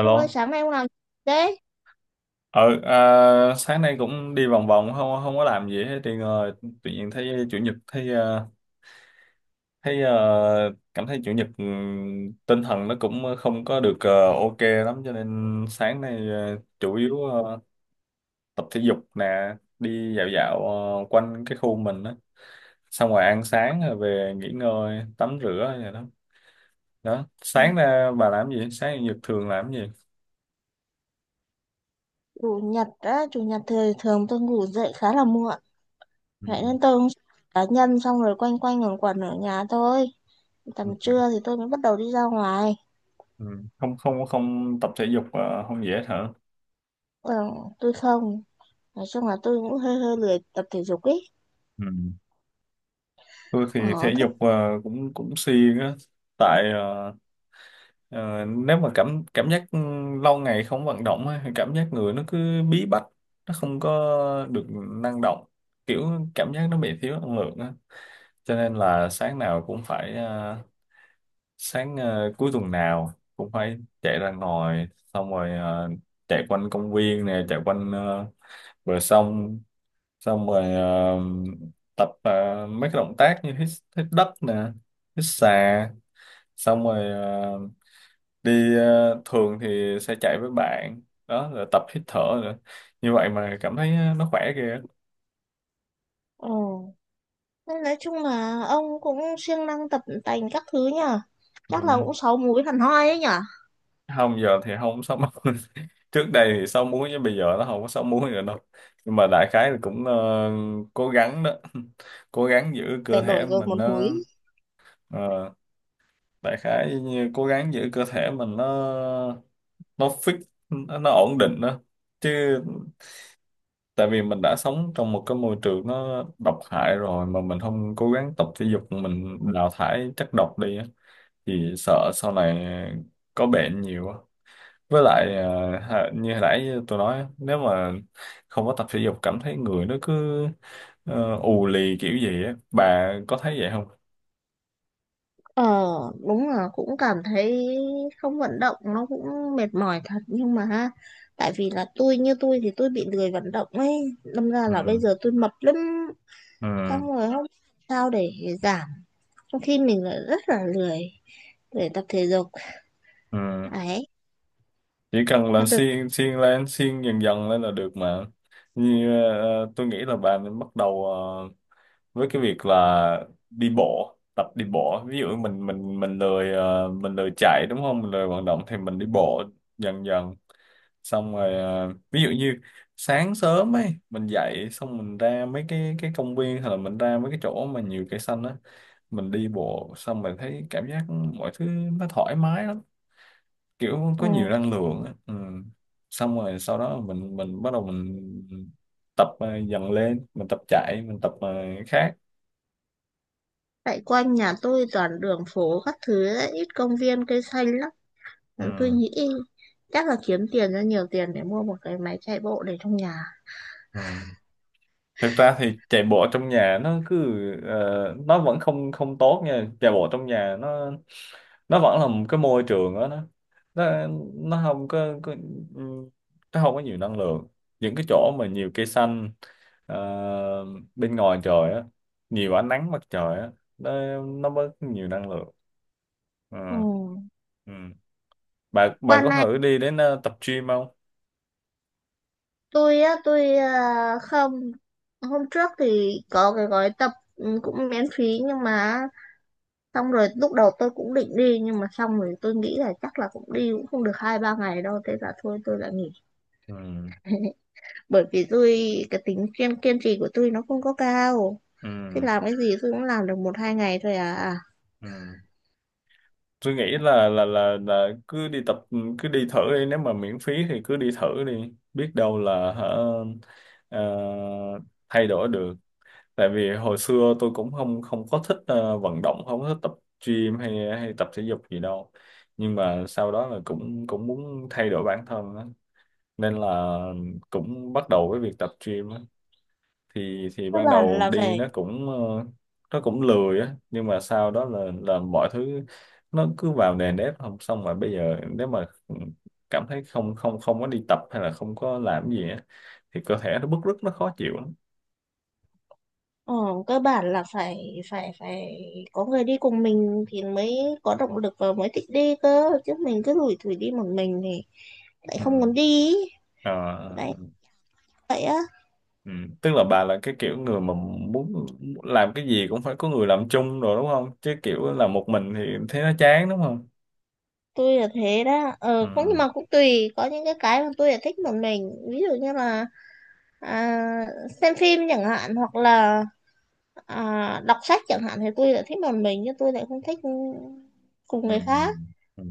Ông ơi, sáng nay ông làm gì thế? Ờ à, sáng nay cũng đi vòng vòng không không có làm gì hết thì ngồi tự nhiên thấy chủ nhật cảm thấy chủ nhật tinh thần nó cũng không có được ok lắm cho nên sáng nay chủ yếu tập thể dục nè, đi dạo dạo quanh cái khu mình đó. Xong rồi ăn sáng rồi về nghỉ ngơi, tắm rửa rồi đó. Đó, Ừ, sáng ra bà làm gì? Sáng chủ nhật thường làm gì? chủ nhật á, chủ nhật thì thường tôi ngủ dậy khá là muộn. Vậy nên tôi cũng cá nhân xong rồi quanh quanh quẩn quẩn ở nhà thôi. Ừ. Tầm trưa thì tôi mới bắt đầu đi ra ngoài. Ừ. Không, không, không tập thể dục, không dễ hả? Ừ, tôi không. Nói chung là tôi cũng hơi hơi lười tập thể dục ấy. Ừ. Tôi thì thể Ờ, thế. dục cũng cũng siêng á. Tại nếu mà cảm cảm giác lâu ngày không vận động á, thì cảm giác người nó cứ bí bách, nó không có được năng động, kiểu cảm giác nó bị thiếu năng lượng á, cho nên là sáng nào cũng phải sáng cuối tuần nào cũng phải chạy ra ngoài, xong rồi chạy quanh công viên nè, chạy quanh bờ sông, xong rồi tập mấy cái động tác như hít, hít đất nè, hít xà, xong rồi thường thì sẽ chạy với bạn đó, rồi tập hít thở nữa, như vậy mà cảm thấy nó khỏe kìa. Ừ. Nên nói chung là ông cũng siêng năng tập tành các thứ nhở. Chắc là Ừ. cũng sáu múi hẳn hoi ấy nhở. Không, giờ thì không sáu múi. Trước đây thì sáu múi chứ bây giờ nó không có sáu múi nữa đâu, nhưng mà đại khái là cũng cố gắng đó. Cố gắng giữ cơ Để thể đổi rồi mình một múi. nó ờ, đại khái như cố gắng giữ cơ thể mình nó fix, nó ổn định đó chứ. Tại vì mình đã sống trong một cái môi trường nó độc hại rồi mà mình không cố gắng tập thể dục, mình đào thải chất độc đi á, thì sợ sau này có bệnh nhiều á. Với lại à, như hồi nãy tôi nói á, nếu mà không có tập thể dục cảm thấy người nó cứ ù lì kiểu gì á, bà có thấy vậy không? Ờ, đúng là cũng cảm thấy không vận động nó cũng mệt mỏi thật, nhưng mà ha, tại vì là tôi, như tôi thì tôi bị lười vận động ấy, đâm ra là bây ừ giờ tôi mập lắm, ừ xong rồi không biết sao để giảm trong khi mình lại rất là lười để tập thể dục ừ ấy Chỉ cần mà là được. xiên xiên lên, xiên dần dần lên là được mà. Như tôi nghĩ là bạn nên bắt đầu với cái việc là đi bộ, tập đi bộ, ví dụ mình lười mình lười chạy đúng không, mình lười vận động thì mình đi bộ dần dần, xong rồi ví dụ như sáng sớm ấy mình dậy xong mình ra mấy cái công viên hay là mình ra mấy cái chỗ mà nhiều cây xanh á, mình đi bộ xong mình thấy cảm giác mọi thứ nó thoải mái lắm, kiểu có Ừ. nhiều năng lượng á. Ừ. Xong rồi sau đó mình bắt đầu mình tập dần lên, mình tập chạy, mình tập khác. Tại quanh nhà tôi toàn đường phố các thứ ấy, ít công viên cây xanh lắm. Nên tôi Ừ. nghĩ chắc là kiếm tiền ra nhiều tiền để mua một cái máy chạy bộ để trong nhà. Ừ. Thực ra thì chạy bộ trong nhà nó cứ nó vẫn không không tốt nha, chạy bộ trong nhà nó vẫn là một cái môi trường đó, nó nó, nó không có, ừ, nó không có nhiều năng lượng, những cái chỗ mà nhiều cây xanh ờ, bên ngoài trời á, nhiều ánh nắng mặt trời á, nó bớt nhiều năng lượng. Ừ. Ừ, ừ. Bà Qua có này thử đi đến tập gym không? tôi không, hôm trước thì có cái gói tập cũng miễn phí, nhưng mà xong rồi lúc đầu tôi cũng định đi, nhưng mà xong rồi tôi nghĩ là chắc là cũng đi cũng không được hai ba ngày đâu, thế là thôi tôi lại nghỉ. Ừ, Bởi vì tôi, cái tính kiên kiên trì của tôi nó không có cao, thế ừ, làm cái gì tôi cũng làm được một hai ngày thôi à. ừ. Tôi nghĩ là cứ đi tập, cứ đi thử đi, nếu mà miễn phí thì cứ đi thử đi, biết đâu là hả ờ, thay đổi được. Tại vì hồi xưa tôi cũng không không có thích vận động, không có thích tập gym hay hay tập thể dục gì đâu, nhưng mà sau đó là cũng cũng muốn thay đổi bản thân á, nên là cũng bắt đầu với việc tập gym á. Thì cơ ban bản đầu là đi phải nó cũng nó cũng lười á, nhưng mà sau đó là mọi thứ nó cứ vào nề nếp, không xong mà bây giờ nếu mà cảm thấy không không không có đi tập hay là không có làm gì á thì cơ thể nó bứt rứt, nó khó chịu lắm. ờ, Cơ bản là phải phải phải có người đi cùng mình thì mới có động lực và mới thích đi cơ, chứ mình cứ lủi thủi đi một mình thì lại Ừ. không muốn đi ý. Ờ, Đấy. Vậy á, ừ. Tức là bà là cái kiểu người mà muốn làm cái gì cũng phải có người làm chung rồi đúng không, chứ kiểu làm một mình thì thấy nó chán đúng không? tôi là thế đó, cũng nhưng Ừ. mà cũng tùy, có những cái mà tôi là thích một mình, ví dụ như là à, xem phim chẳng hạn, hoặc là đọc sách chẳng hạn thì tôi lại thích một mình, nhưng tôi lại không thích cùng Ừ. người khác, Ừ.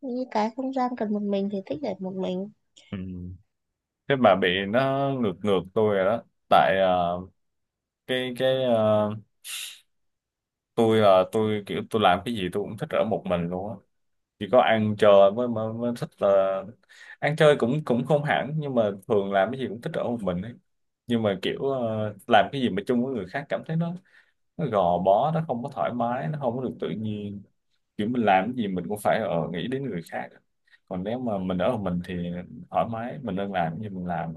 như cái không gian cần một mình thì thích để một mình. Ừ. Thế bà bị nó ngược ngược tôi rồi đó. Tại cái cái ờ, tôi là tôi kiểu tôi làm cái gì tôi cũng thích ở một mình luôn á, chỉ có ăn chơi mới, mới mới thích là, ăn chơi cũng cũng không hẳn, nhưng mà thường làm cái gì cũng thích ở một mình ấy, nhưng mà kiểu làm cái gì mà chung với người khác cảm thấy nó, gò bó, nó không có thoải mái, nó không có được tự nhiên, kiểu mình làm cái gì mình cũng phải ở nghĩ đến người khác, còn nếu mà mình ở một mình thì thoải mái mình, nên làm cái gì mình làm.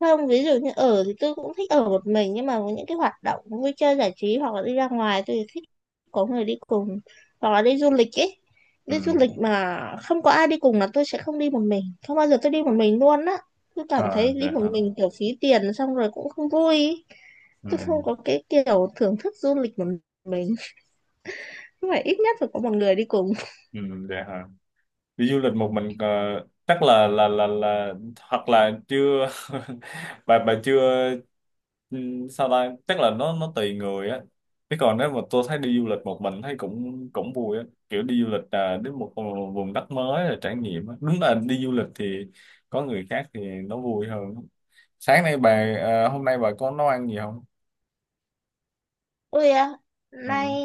Không, ví dụ như ở thì tôi cũng thích ở một mình, nhưng mà có những cái hoạt động vui chơi giải trí hoặc là đi ra ngoài tôi thì thích có người đi cùng, hoặc là đi du lịch ấy. Đi du Ừ. lịch mà không có ai đi cùng là tôi sẽ không đi một mình, không bao giờ tôi đi một mình luôn á, tôi cảm À, thấy đi dạ. một mình kiểu phí tiền xong rồi cũng không vui ý. Ừ, Tôi không có cái kiểu thưởng thức du lịch một mình, nhưng mà ít nhất phải có một người đi cùng. ừ. Dạ hả? Đi du lịch một mình chắc là hoặc là chưa. Bà chưa ừ, sao ta, chắc là nó tùy người á, chứ còn nếu mà tôi thấy đi du lịch một mình thấy cũng cũng vui á, kiểu đi du lịch à, đến một vùng đất mới là trải nghiệm á. Đúng là đi du lịch thì có người khác thì nó vui hơn. Sáng nay bà à, Hôm nay bà có nấu ăn gì không? Ôi à, nay Ừ.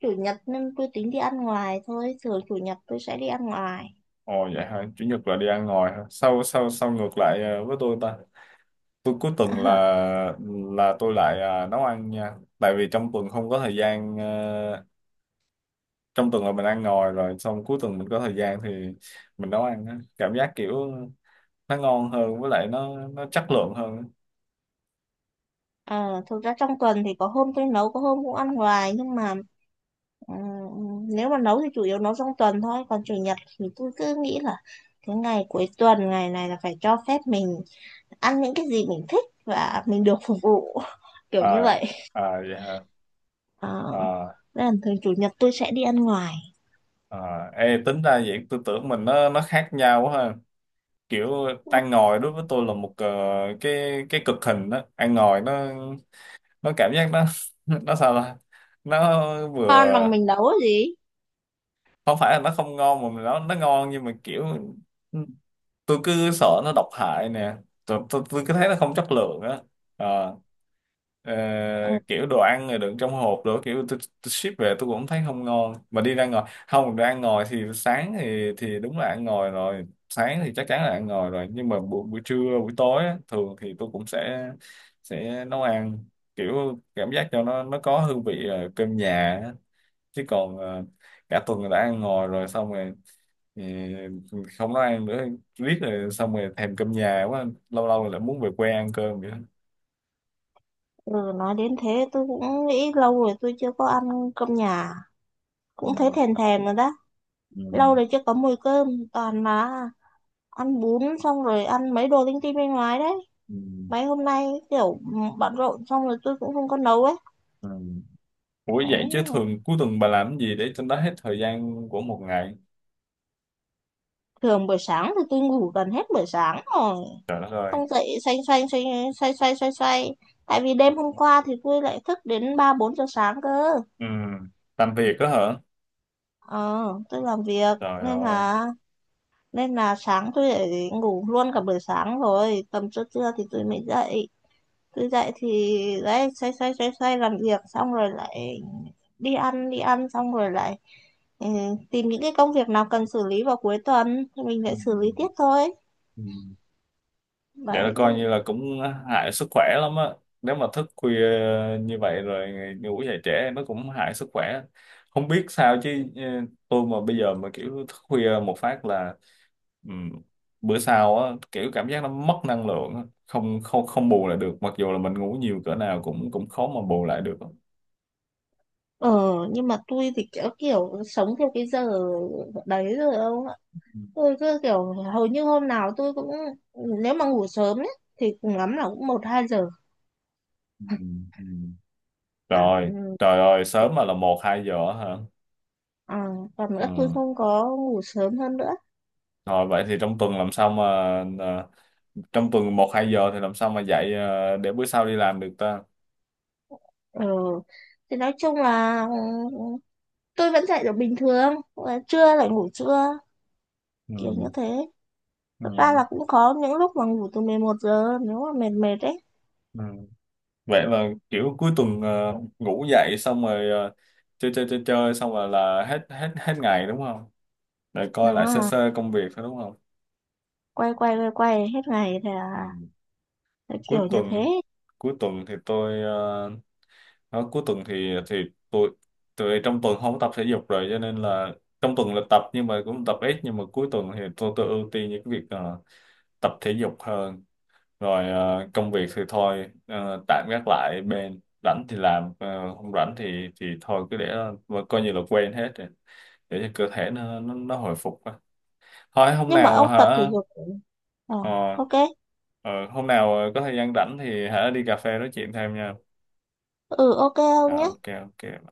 chủ nhật nên tôi tính đi ăn ngoài thôi, thường chủ nhật tôi sẽ đi ăn ngoài. Ồ vậy hả, chủ nhật là đi ăn ngoài hả, sao sao sao ngược lại à, với tôi ta. Tôi cuối tuần là tôi lại à, nấu ăn nha, tại vì trong tuần không có thời gian trong tuần là mình ăn ngoài rồi, xong cuối tuần mình có thời gian thì mình nấu ăn á. Cảm giác kiểu nó ngon hơn, với lại nó chất lượng hơn. Ờ, thực ra trong tuần thì có hôm tôi nấu có hôm cũng ăn ngoài, nhưng mà ừm, nếu mà nấu thì chủ yếu nấu trong tuần thôi, còn chủ nhật thì tôi cứ nghĩ là cái ngày cuối tuần, ngày này là phải cho phép mình ăn những cái gì mình thích và mình được phục vụ kiểu như À, vậy. Vậy hả? ờ, à, Nên là thường chủ nhật tôi sẽ đi ăn ngoài, à ê, tính ra vậy tôi tưởng mình nó khác nhau quá ha. Kiểu ăn ngồi đối với tôi là một cái cực hình đó, ăn ngồi nó, cảm giác nó nó sao ta, nó con vừa bằng mình nấu gì. không phải là nó không ngon, mà nó ngon nhưng mà kiểu tôi cứ sợ nó độc hại nè, tôi cứ thấy nó không chất lượng á. Ờ, ờ, Ờ, kiểu đồ ăn rồi đựng trong hộp đồ kiểu tôi ship về tôi cũng thấy không ngon, mà đi ra ngoài không, đồ ăn ngoài thì sáng thì đúng là ăn ngoài rồi, sáng thì chắc chắn là ăn ngoài rồi, nhưng mà buổi trưa, buổi tối á, thường thì tôi cũng sẽ nấu ăn, kiểu cảm giác cho nó có hương vị cơm nhà á. Chứ còn cả tuần đã ăn ngoài rồi, xong rồi thì không nói ăn nữa, riết rồi xong rồi thèm cơm nhà quá, lâu lâu lại muốn về quê ăn cơm vậy đó. ừ, nói đến thế tôi cũng nghĩ lâu rồi tôi chưa có ăn cơm nhà, Ừ. cũng thấy thèm thèm rồi đó. Ừ. Lâu rồi chưa có mùi cơm, toàn mà ăn bún, xong rồi ăn mấy đồ linh tinh bên ngoài đấy. Ừ. Mấy hôm nay kiểu bận rộn xong rồi tôi cũng không có nấu ấy. Ừ. Ủa Đấy, vậy chứ thường cuối tuần bà làm gì để cho nó hết thời gian của một ngày? thường buổi sáng thì tôi ngủ gần hết buổi sáng rồi, Trời đất ơi. xong dậy xoay xoay xoay xoay xoay xoay xoay, tại vì đêm hôm qua thì tôi lại thức đến ba bốn giờ sáng cơ. Ừ. Làm việc đó hả? Ờ, tôi làm việc, Trời nên ơi. là nên là sáng tôi lại ngủ luôn cả buổi sáng rồi, tầm trưa trưa thì tôi mới dậy. Cứ dậy thì đấy, xoay xoay xoay xoay làm việc xong rồi lại đi ăn, đi ăn xong rồi lại ừ, tìm những cái công việc nào cần xử lý vào cuối tuần thì mình Ừ. lại xử lý tiếp thôi. Ừ. Vậy là Đấy. coi như là cũng hại sức khỏe lắm á. Nếu mà thức khuya như vậy rồi ngủ dậy trễ nó cũng hại sức khỏe. Không biết sao chứ tôi mà bây giờ mà kiểu thức khuya một phát là ừm, bữa sau á kiểu cảm giác nó mất năng lượng á. Không, không, không bù lại được. Mặc dù là mình ngủ nhiều cỡ nào cũng cũng khó mà bù lại được. Ờ, nhưng mà tôi thì kiểu sống theo cái giờ đấy rồi ông ạ. Ừ, Tôi cứ kiểu hầu như hôm nào tôi cũng, nếu mà ngủ sớm ấy thì cùng lắm là cũng một hai giờ. ừ, ừ. Rồi, Ừ. trời ơi, sớm mà là một hai giờ hả? À, còn Ừ. nữa tôi không có ngủ sớm hơn nữa. Rồi vậy thì trong tuần làm sao mà à, trong tuần một hai giờ thì làm sao mà dạy để bữa sau đi làm được ta? Ờ, thì nói chung là ừ, tôi vẫn dậy được bình thường và trưa lại ngủ trưa, kiểu như Ừ. thế. Thật ra Ừ. là cũng có những lúc mà ngủ từ 11 giờ nếu mà mệt mệt ấy. Ừ. Vậy là kiểu cuối tuần ngủ dậy xong rồi chơi chơi chơi chơi xong rồi là hết hết hết ngày đúng không, để coi Đừng lại sơ à, sơ công việc thôi đúng không? quay quay quay quay hết ngày thì Ừ. à, thế cuối kiểu như tuần thế. cuối tuần thì tôi đó, cuối tuần thì tôi, trong tuần không có tập thể dục rồi, cho nên là trong tuần là tập nhưng mà cũng tập ít, nhưng mà cuối tuần thì tôi ưu tiên những cái việc tập thể dục hơn, rồi công việc thì thôi tạm gác lại bên, rảnh thì làm không rảnh thì thôi cứ để, mà coi như là quên hết rồi, để cho cơ thể nó nó hồi phục á. Thôi hôm Nhưng mà nào ông tập thể hả dục, ờ ờ, ok. ờ, hôm nào có thời gian rảnh thì hả đi cà phê nói chuyện thêm nha. Ừ ok Ờ, ông nhé. ok ok.